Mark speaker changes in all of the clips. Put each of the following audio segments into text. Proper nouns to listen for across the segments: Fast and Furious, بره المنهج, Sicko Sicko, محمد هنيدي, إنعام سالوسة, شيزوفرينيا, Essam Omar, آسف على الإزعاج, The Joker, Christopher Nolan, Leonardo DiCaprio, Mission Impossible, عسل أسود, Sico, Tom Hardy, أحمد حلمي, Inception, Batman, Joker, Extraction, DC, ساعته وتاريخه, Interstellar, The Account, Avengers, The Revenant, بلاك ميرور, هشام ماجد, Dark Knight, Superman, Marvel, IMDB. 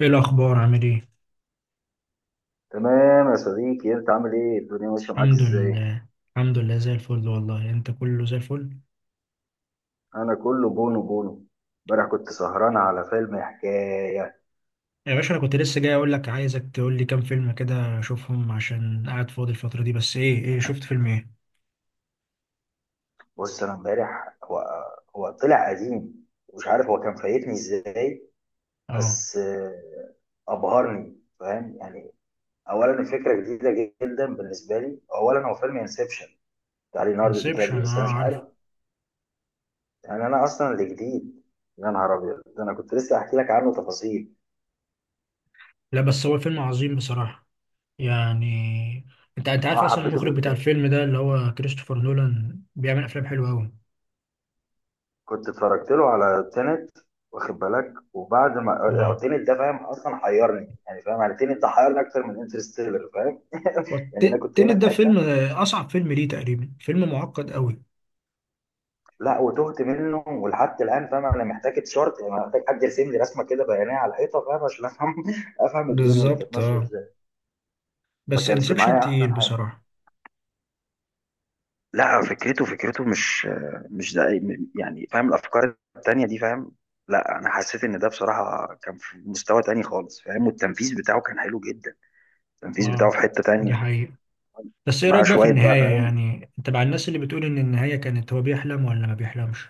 Speaker 1: ايه الاخبار عامل ايه؟
Speaker 2: تمام يا صديقي، انت عامل ايه؟ الدنيا ماشيه معاك
Speaker 1: الحمد
Speaker 2: ازاي؟
Speaker 1: لله. الحمد لله زي الفل والله، انت كله زي الفل.
Speaker 2: انا كله بونو بونو. امبارح كنت سهران على فيلم حكايه.
Speaker 1: يا باشا انا كنت لسه جاي اقول لك، عايزك تقول لي كام فيلم كده اشوفهم عشان قاعد فاضي الفتره دي. بس ايه شفت فيلم ايه؟
Speaker 2: بص انا امبارح، هو طلع قديم ومش عارف هو كان فايتني ازاي.
Speaker 1: اه،
Speaker 2: بس ابهرني فاهم يعني. اولا الفكره جديده جدا بالنسبه لي، اولا هو فيلم انسبشن بتاع ليوناردو دي
Speaker 1: انسبشن،
Speaker 2: كابريو، بس
Speaker 1: اه
Speaker 2: انا مش عارف.
Speaker 1: عارفه.
Speaker 2: يعني انا اصلا اللي جديد. يا نهار ابيض، ده انا كنت لسه احكي لك عنه تفاصيل.
Speaker 1: لا بس هو فيلم عظيم بصراحه. يعني انت عارف
Speaker 2: اه،
Speaker 1: اصلا
Speaker 2: حبيته
Speaker 1: المخرج بتاع
Speaker 2: جدا.
Speaker 1: الفيلم ده اللي هو كريستوفر نولان بيعمل افلام حلوه قوي.
Speaker 2: كنت اتفرجت له على تينت، واخد بالك، وبعد ما
Speaker 1: اه،
Speaker 2: تينت ده فاهم اصلا حيرني، يعني فاهم، يعني تينت ده حيرني اكتر من انترستيلر فاهم يعني انا كنت هنا
Speaker 1: والتنت
Speaker 2: في
Speaker 1: ده فيلم
Speaker 2: حته،
Speaker 1: اصعب فيلم ليه تقريبا، فيلم معقد قوي.
Speaker 2: لا وتهت منه ولحد الان فاهم. انا محتاج تشارت، يعني محتاج حد يرسم لي رسمه كده بيانيه على الحيطه فاهم عشان افهم افهم الدنيا اللي كانت
Speaker 1: بالظبط
Speaker 2: ماشيه
Speaker 1: اه.
Speaker 2: ازاي. ما
Speaker 1: بس
Speaker 2: كانش
Speaker 1: انسبشن
Speaker 2: معايا
Speaker 1: تقيل
Speaker 2: احسن حاجه.
Speaker 1: بصراحه.
Speaker 2: لا فكرته مش ده، يعني فاهم الافكار التانيه دي فاهم. لا انا حسيت ان ده بصراحه كان في مستوى تاني خالص فاهم، والتنفيذ بتاعه كان حلو جدا. التنفيذ بتاعه
Speaker 1: اه
Speaker 2: في حتة
Speaker 1: دي
Speaker 2: تانية.
Speaker 1: حقيقة. بس ايه
Speaker 2: معاه
Speaker 1: رأيك بقى في
Speaker 2: شوية بقى.
Speaker 1: النهاية؟ يعني انت مع الناس اللي بتقول ان النهاية كانت هو بيحلم ولا ما بيحلمش؟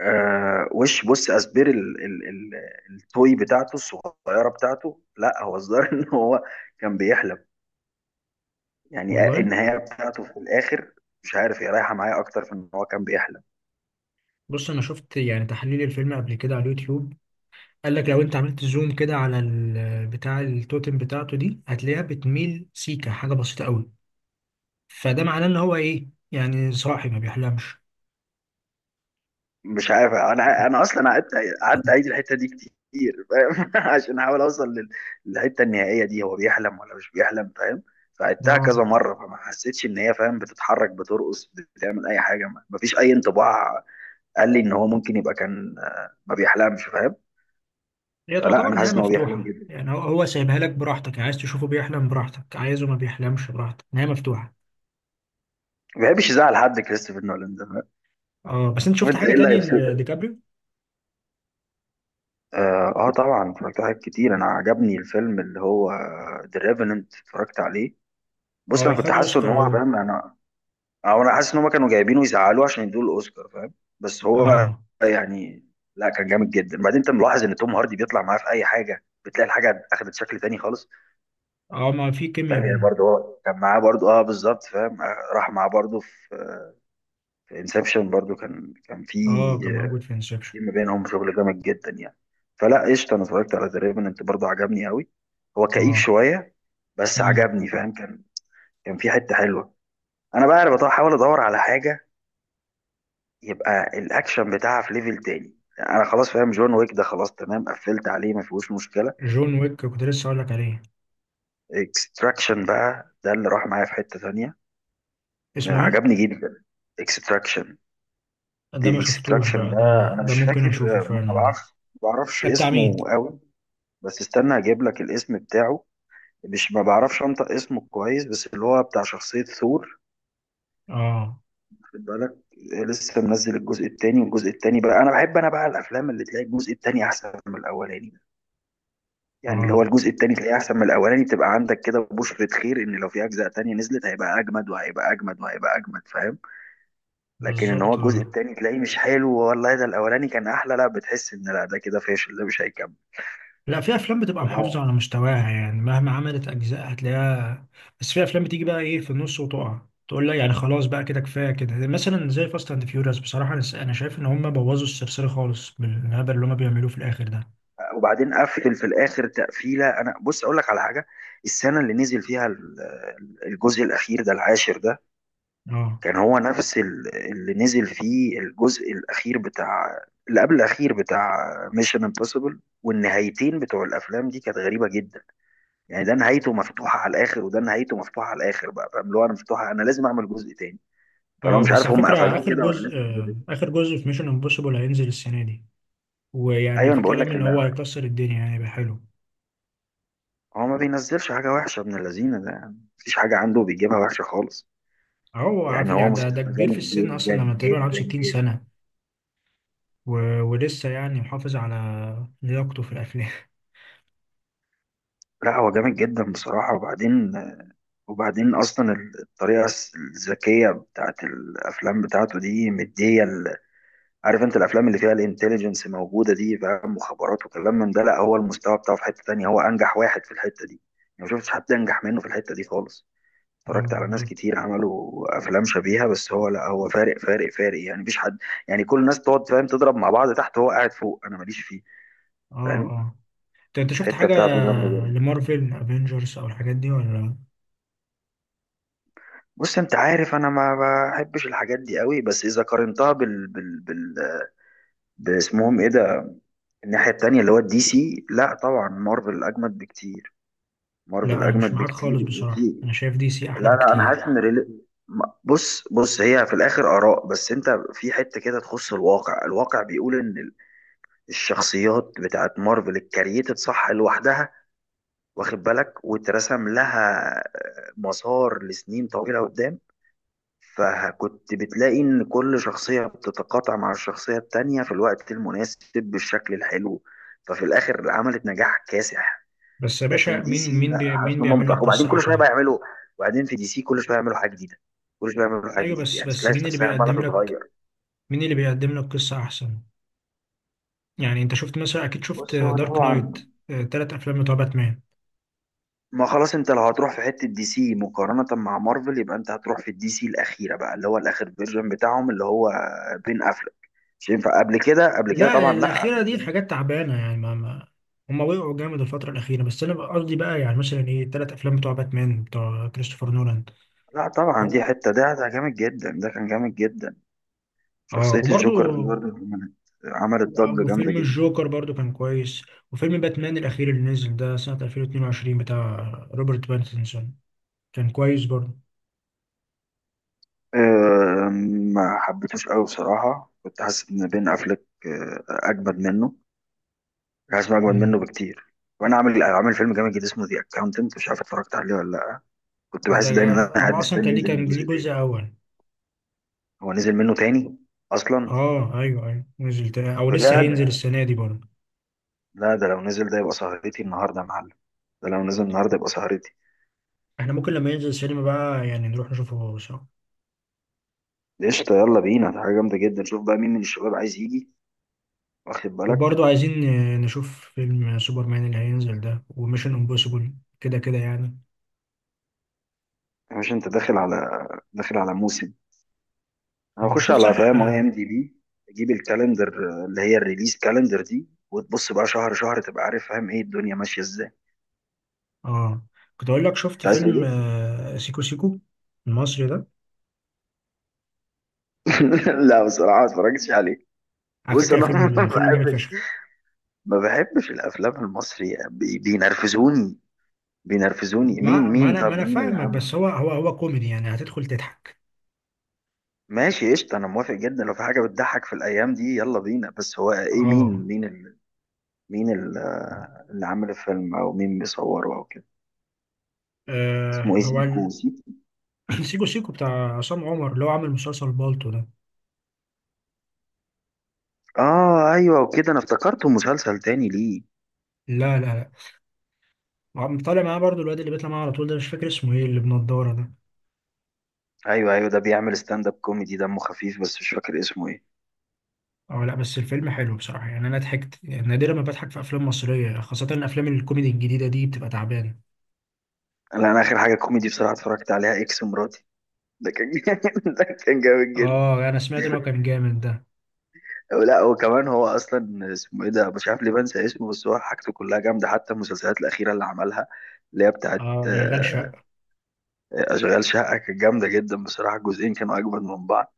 Speaker 2: وش بص أسبير ال التوي بتاعته الصغيرة بتاعته، لا هو الظاهر إن هو كان بيحلم. يعني
Speaker 1: والله
Speaker 2: النهاية بتاعته في الآخر مش عارف، هي رايحة معايا أكتر في إن هو كان بيحلم.
Speaker 1: بص انا شفت يعني تحليل الفيلم قبل كده على اليوتيوب. قال لك لو انت عملت زوم كده على بتاع التوتم بتاعته دي هتلاقيها بتميل سيكا، حاجة بسيطة قوي. فده معناه ان هو ايه، يعني صاحي، ما بيحلمش.
Speaker 2: مش عارف، أنا أصلا قعدت أعيد الحتة دي كتير فاهم عشان أحاول أوصل للحتة النهائية دي، هو بيحلم ولا مش بيحلم فاهم. فعدتها
Speaker 1: اه،
Speaker 2: كذا مرة فما حسيتش إن هي فاهم بتتحرك، بترقص، بتعمل أي حاجة. مفيش أي انطباع. قال لي ان هو ممكن يبقى كان ما بيحلمش فاهم.
Speaker 1: هي
Speaker 2: فلا
Speaker 1: تعتبر
Speaker 2: انا
Speaker 1: نهاية
Speaker 2: حاسس ان هو بيحلم
Speaker 1: مفتوحة.
Speaker 2: جدا.
Speaker 1: يعني هو سايبها لك براحتك، يعني عايز تشوفه بيحلم براحتك، عايزه ما بيحلمش براحتك، نهاية مفتوحة.
Speaker 2: ما بيحبش يزعل حد كريستوفر نولان ده فاهم؟
Speaker 1: اه بس انت
Speaker 2: شوف
Speaker 1: شفت
Speaker 2: انت
Speaker 1: حاجة
Speaker 2: ايه اللي
Speaker 1: تاني
Speaker 2: هيبسطك.
Speaker 1: لديكابريو؟
Speaker 2: اه طبعا اتفرجت على حاجات كتير. انا عجبني الفيلم اللي هو ذا ريفننت، اتفرجت عليه.
Speaker 1: اه
Speaker 2: بص انا كنت
Speaker 1: خد
Speaker 2: حاسه ان
Speaker 1: اوسكار اهو.
Speaker 2: هو فاهم، انا او انا حاسس ان هم كانوا جايبينه يزعلوه عشان يدوه الاوسكار فاهم. بس هو
Speaker 1: اه
Speaker 2: يعني لا كان جامد جدا. بعدين انت ملاحظ ان توم هاردي بيطلع معاه في اي حاجه، بتلاقي الحاجه اخدت شكل تاني خالص
Speaker 1: اه، ما في كيمياء
Speaker 2: فاهم. يعني
Speaker 1: بينهم.
Speaker 2: برضه هو كان معاه برضه، اه بالظبط فاهم، راح معاه برضه في انسبشن برضو، كان في.
Speaker 1: اه كان موجود في انسبشن.
Speaker 2: في ما بينهم شغل جامد جدا يعني. فلا قشطه، انا اتفرجت على ذا ريفننت برضو، عجبني قوي. هو كئيب
Speaker 1: اه.
Speaker 2: شويه بس
Speaker 1: مم.
Speaker 2: عجبني فاهم. كان في حته حلوه. انا بقى أنا بحاول ادور على حاجه يبقى الاكشن بتاعها في ليفل تاني. انا خلاص فاهم جون ويك ده، خلاص تمام، قفلت عليه ما فيهوش مشكله.
Speaker 1: جون ويك كنت لسه اقول لك عليه.
Speaker 2: اكستراكشن بقى، ده اللي راح معايا في حته تانيه.
Speaker 1: اسمه ايه؟
Speaker 2: عجبني جدا. اكستراكشن.
Speaker 1: ده ما
Speaker 2: دي
Speaker 1: شفتوش
Speaker 2: اكستراكشن
Speaker 1: بقى،
Speaker 2: ده،
Speaker 1: ده
Speaker 2: انا
Speaker 1: ده
Speaker 2: مش
Speaker 1: ممكن
Speaker 2: فاكر،
Speaker 1: اشوفه
Speaker 2: ما
Speaker 1: فعلا ده.
Speaker 2: بعرفش ما بعرفش
Speaker 1: ده بتاع
Speaker 2: اسمه
Speaker 1: مين؟
Speaker 2: قوي. بس استنى هجيب لك الاسم بتاعه. مش، ما بعرفش انطق اسمه كويس، بس اللي هو بتاع شخصية ثور،
Speaker 1: اه.
Speaker 2: خد بالك. لسه منزل الجزء التاني، والجزء التاني بقى انا بحب، انا بقى الافلام اللي تلاقي الجزء التاني احسن من الاولاني ده. يعني اللي هو
Speaker 1: اه
Speaker 2: الجزء التاني تلاقيه احسن من الاولاني، تبقى عندك كده بشرة خير ان لو في اجزاء تانية نزلت هيبقى اجمد وهيبقى اجمد وهيبقى اجمد فاهم. لكن ان هو
Speaker 1: بالظبط
Speaker 2: الجزء
Speaker 1: آه.
Speaker 2: التاني تلاقيه مش حلو والله، ده الاولاني كان احلى، لا بتحس ان لا ده كده فاشل، ده مش هيكمل.
Speaker 1: لا في افلام بتبقى محافظه
Speaker 2: تمام.
Speaker 1: على مستواها، يعني مهما عملت اجزاء هتلاقيها. بس في افلام بتيجي بقى ايه في النص وتقع، تقول لا يعني خلاص بقى كده، كفايه كده، مثلا زي فاست اند فيوريوس. بصراحه أنا شايف ان هم بوظوا السلسله خالص بالهبل اللي هم بيعملوه في الاخر ده.
Speaker 2: وبعدين قفل في الاخر تقفيله. انا بص اقول لك على حاجه. السنه اللي نزل فيها الجزء الاخير ده، العاشر ده،
Speaker 1: اه
Speaker 2: كان هو نفس اللي نزل فيه الجزء الاخير بتاع، اللي قبل الاخير بتاع ميشن امبوسيبل. والنهايتين بتوع الافلام دي كانت غريبه جدا. يعني ده نهايته مفتوحه على الاخر وده نهايته مفتوحه على الاخر بقى فاهم، اللي هو انا مفتوحه انا لازم اعمل جزء تاني. فانا
Speaker 1: اه.
Speaker 2: مش
Speaker 1: بس
Speaker 2: عارف
Speaker 1: على
Speaker 2: هم
Speaker 1: فكرة
Speaker 2: قفلوه كده ولا لسه في جزء.
Speaker 1: آخر جزء في ميشن امبوسيبل هينزل السنة دي. ويعني
Speaker 2: ايوه انا
Speaker 1: في
Speaker 2: بقول
Speaker 1: كلام
Speaker 2: لك
Speaker 1: إن هو هيكسر الدنيا، يعني يبقى حلو.
Speaker 2: هو ما بينزلش حاجه وحشه من اللذينه ده يعني، مفيش حاجه عنده بيجيبها وحشه خالص.
Speaker 1: أهو عارف
Speaker 2: يعني هو فاهم
Speaker 1: يعني، ده
Speaker 2: مستواه
Speaker 1: كبير في
Speaker 2: جامد
Speaker 1: السن أصلا،
Speaker 2: جدا
Speaker 1: لما تقريبا عنده
Speaker 2: جدا
Speaker 1: 60
Speaker 2: جدا.
Speaker 1: سنة. و... ولسه يعني محافظ على لياقته في الأفلام.
Speaker 2: لا هو جامد جدا بصراحة. وبعدين أصلا الطريقة الذكية بتاعت الأفلام بتاعته دي مدية عارف أنت الأفلام اللي فيها الانتليجنس موجودة دي فاهم، مخابرات وكلام من ده. لا هو المستوى بتاعه في حتة تانية. هو أنجح واحد في الحتة دي. أنا ما شفتش حد أنجح منه في الحتة دي خالص.
Speaker 1: اه
Speaker 2: اتفرجت على ناس
Speaker 1: بالظبط.
Speaker 2: كتير عملوا أفلام شبيهة بس هو لا، هو فارق فارق فارق يعني مفيش حد. يعني كل الناس تقعد فاهم تضرب مع بعض تحت، هو قاعد فوق، أنا ماليش فيه
Speaker 1: اه
Speaker 2: فاهم.
Speaker 1: اه. أنت شفت
Speaker 2: الحته
Speaker 1: حاجة
Speaker 2: بتاعته جامده جدا.
Speaker 1: لمارفل افنجرز أو الحاجات دي ولا؟
Speaker 2: بص انت عارف انا ما بحبش الحاجات دي قوي، بس اذا قارنتها بال بال باسمهم ايه ده، الناحيه التانيه اللي هو الدي سي، لا طبعا مارفل اجمد بكتير. مارفل
Speaker 1: لا أنا مش
Speaker 2: اجمد
Speaker 1: معاك
Speaker 2: بكتير
Speaker 1: خالص
Speaker 2: وفي،
Speaker 1: بصراحة، أنا شايف دي سي
Speaker 2: لا
Speaker 1: أحلى
Speaker 2: لا انا حاسس ان
Speaker 1: بكتير.
Speaker 2: ريلي... بص هي في الاخر اراء، بس انت في حته كده تخص الواقع. الواقع بيقول ان الشخصيات بتاعت مارفل الكرييتد صح لوحدها، واخد بالك، واترسم لها مسار لسنين طويله قدام. فكنت بتلاقي إن كل شخصية بتتقاطع مع الشخصية التانية في الوقت المناسب بالشكل الحلو، ففي الآخر عملت نجاح كاسح.
Speaker 1: بس يا باشا
Speaker 2: لكن دي سي لا، حاسس
Speaker 1: مين
Speaker 2: إن هم
Speaker 1: بيعمل لك
Speaker 2: متأخرين. وبعدين
Speaker 1: قصة
Speaker 2: كل شوية
Speaker 1: أحلى؟
Speaker 2: بقى يعملوا، وبعدين في دي سي كل شوية يعملوا حاجة جديدة، كل شوية يعملوا حاجة
Speaker 1: ايوه
Speaker 2: جديدة،
Speaker 1: بس
Speaker 2: يعني
Speaker 1: بس
Speaker 2: تلاقي
Speaker 1: مين اللي
Speaker 2: الشخصية عمالة
Speaker 1: بيقدم لك
Speaker 2: تتغير.
Speaker 1: مين اللي بيقدم لك قصة أحسن؟ يعني أنت شفت مثلا، أكيد شفت
Speaker 2: بص هو
Speaker 1: دارك نايت،
Speaker 2: طبعا،
Speaker 1: تلات أفلام بتوع باتمان.
Speaker 2: ما خلاص انت لو هتروح في حتة دي سي مقارنة مع مارفل يبقى انت هتروح في الدي سي الأخيرة بقى، اللي هو الآخر فيرجن بتاعهم اللي هو بين أفلك. مش ينفع قبل كده، قبل كده
Speaker 1: لا
Speaker 2: طبعا، لا
Speaker 1: الأخيرة
Speaker 2: قبل
Speaker 1: دي
Speaker 2: كده.
Speaker 1: حاجات تعبانة، يعني ما هما وقعوا جامد الفترة الأخيرة. بس أنا بقى قصدي بقى يعني مثلا إيه، التلات أفلام بتوع باتمان بتوع كريستوفر نولان.
Speaker 2: لا طبعا دي
Speaker 1: هو-
Speaker 2: حتة، ده جامد جدا، ده كان جامد جدا.
Speaker 1: أه
Speaker 2: شخصية
Speaker 1: وبرضو
Speaker 2: الجوكر اللي برضه عملت ضجة جامدة
Speaker 1: وفيلم
Speaker 2: جدا.
Speaker 1: الجوكر برضو كان كويس. وفيلم باتمان الأخير اللي نزل ده سنة 2022 بتاع روبرت باتنسون كان كويس برضو.
Speaker 2: أه، ما حبيتوش قوي بصراحة. كنت حاسس إن بين أفلك أجمد منه، كنت حاسس إنه أجمد
Speaker 1: مم.
Speaker 2: منه بكتير. وأنا عامل فيلم جامد جدا اسمه ذا أكاونتنت، مش عارف اتفرجت عليه ولا لأ. كنت بحس دايما
Speaker 1: ده
Speaker 2: إن أنا
Speaker 1: هو
Speaker 2: قاعد
Speaker 1: أصلا
Speaker 2: مستني
Speaker 1: كان ليه
Speaker 2: ينزل
Speaker 1: كان
Speaker 2: منه
Speaker 1: ليه
Speaker 2: جزء
Speaker 1: جزء
Speaker 2: تاني.
Speaker 1: أول؟
Speaker 2: هو نزل منه تاني أصلا؟
Speaker 1: اه ايوه ايوه نزل تاني او لسه هينزل
Speaker 2: بجد؟
Speaker 1: السنه دي برضه.
Speaker 2: لا ده لو نزل ده يبقى سهرتي النهاردة يا معلم. ده لو نزل النهاردة يبقى سهرتي.
Speaker 1: احنا ممكن لما ينزل السينما بقى يعني نروح نشوفه سوا.
Speaker 2: قشطة، يلا بينا، ده حاجة جامدة جدا. شوف بقى مين من الشباب عايز يجي، واخد بالك.
Speaker 1: وبرضه عايزين نشوف فيلم سوبرمان اللي هينزل ده وميشن امبوسيبل، كده كده يعني.
Speaker 2: يا باشا انت داخل على موسم. انا
Speaker 1: اه
Speaker 2: هخش
Speaker 1: شوف
Speaker 2: على
Speaker 1: صح
Speaker 2: فاهم اي ام
Speaker 1: اه
Speaker 2: دي بي، تجيب الكالندر اللي هي الريليز كالندر دي، وتبص بقى شهر شهر، تبقى عارف فاهم ايه الدنيا ماشية ازاي.
Speaker 1: آه. كنت اقول لك، شفت
Speaker 2: انت عايز تقول
Speaker 1: فيلم
Speaker 2: ايه؟
Speaker 1: سيكو سيكو المصري ده؟
Speaker 2: لا بصراحة ما اتفرجتش عليه.
Speaker 1: على
Speaker 2: بص
Speaker 1: فكره
Speaker 2: انا ما
Speaker 1: فيلم جامد فشخ.
Speaker 2: بحبش ما بحبش الافلام المصري بينرفزوني.
Speaker 1: ما
Speaker 2: مين
Speaker 1: ما
Speaker 2: مين
Speaker 1: انا ما
Speaker 2: طب
Speaker 1: انا
Speaker 2: مين اللي
Speaker 1: فاهمك، بس
Speaker 2: عمله؟
Speaker 1: هو كوميدي، يعني هتدخل تضحك.
Speaker 2: ماشي قشطة، أنا موافق جدا لو في حاجة بتضحك في الأيام دي، يلا بينا. بس هو إيه؟
Speaker 1: اه
Speaker 2: مين، مين اللي عامل الفيلم، او مين بيصوره او كده.
Speaker 1: آه،
Speaker 2: اسمه ايه،
Speaker 1: هو
Speaker 2: سيكو
Speaker 1: ال-
Speaker 2: سيكو؟
Speaker 1: سيكو سيكو بتاع عصام عمر، اللي هو عامل مسلسل بالطو ده.
Speaker 2: اه ايوه، وكده انا افتكرته مسلسل تاني ليه.
Speaker 1: لا طالع معاه برضو الواد اللي بيطلع معاه على طول ده، مش فاكر اسمه ايه، اللي بنضاره ده.
Speaker 2: ايوه ايوه ده بيعمل ستاند اب كوميدي، دمه خفيف، بس مش فاكر اسمه ايه.
Speaker 1: اه لا بس الفيلم حلو بصراحة، يعني انا ضحكت. يعني نادرا ما بضحك في افلام مصرية، خاصة افلام الكوميدي الجديدة دي بتبقى تعبانة.
Speaker 2: لا انا اخر حاجه كوميدي بصراحه اتفرجت عليها اكس مراتي. ده كان جامد، ده كان جامد جدا.
Speaker 1: اه انا سمعت ان هو كان جامد ده.
Speaker 2: لا وكمان هو اصلا اسمه ايه ده، مش عارف ليه بنسى اسمه، بس هو حاجته كلها جامده حتى المسلسلات الاخيره اللي عملها، اللي هي بتاعت
Speaker 1: اه اشغال شقة.
Speaker 2: اشغال شقه. كانت جامده جدا بصراحه، الجزئين كانوا اجمد من بعض.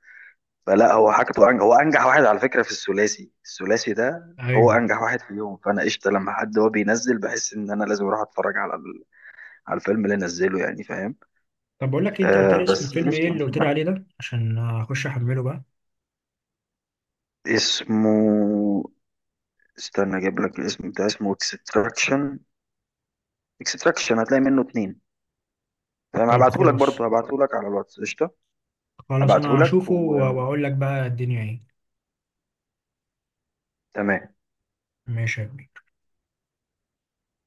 Speaker 2: فلا هو حاجته أنجح، هو أنجح واحد على فكرة في الثلاثي، ده هو
Speaker 1: ايوه
Speaker 2: أنجح واحد فيهم. فأنا قشطة، لما حد هو بينزل بحس إن أنا لازم أروح أتفرج على على الفيلم اللي نزله يعني فاهم.
Speaker 1: طب بقول لك إيه، انت قلت لي
Speaker 2: آه
Speaker 1: اسم
Speaker 2: بس
Speaker 1: الفيلم ايه
Speaker 2: قشطة.
Speaker 1: اللي قلت لي عليه ده عشان اخش احمله بقى؟
Speaker 2: اسمه، استنى أجيب لك الاسم بتاع. اسمه اكستراكشن. اكستراكشن هتلاقي منه اتنين. تمام،
Speaker 1: طب
Speaker 2: هبعتهولك،
Speaker 1: خلاص.
Speaker 2: برضه هبعتهولك على الواتس قشطة.
Speaker 1: خلاص انا
Speaker 2: هبعتهولك
Speaker 1: هشوفه
Speaker 2: وتمام.
Speaker 1: واقول لك بقى الدنيا ايه. ماشي يا كبير.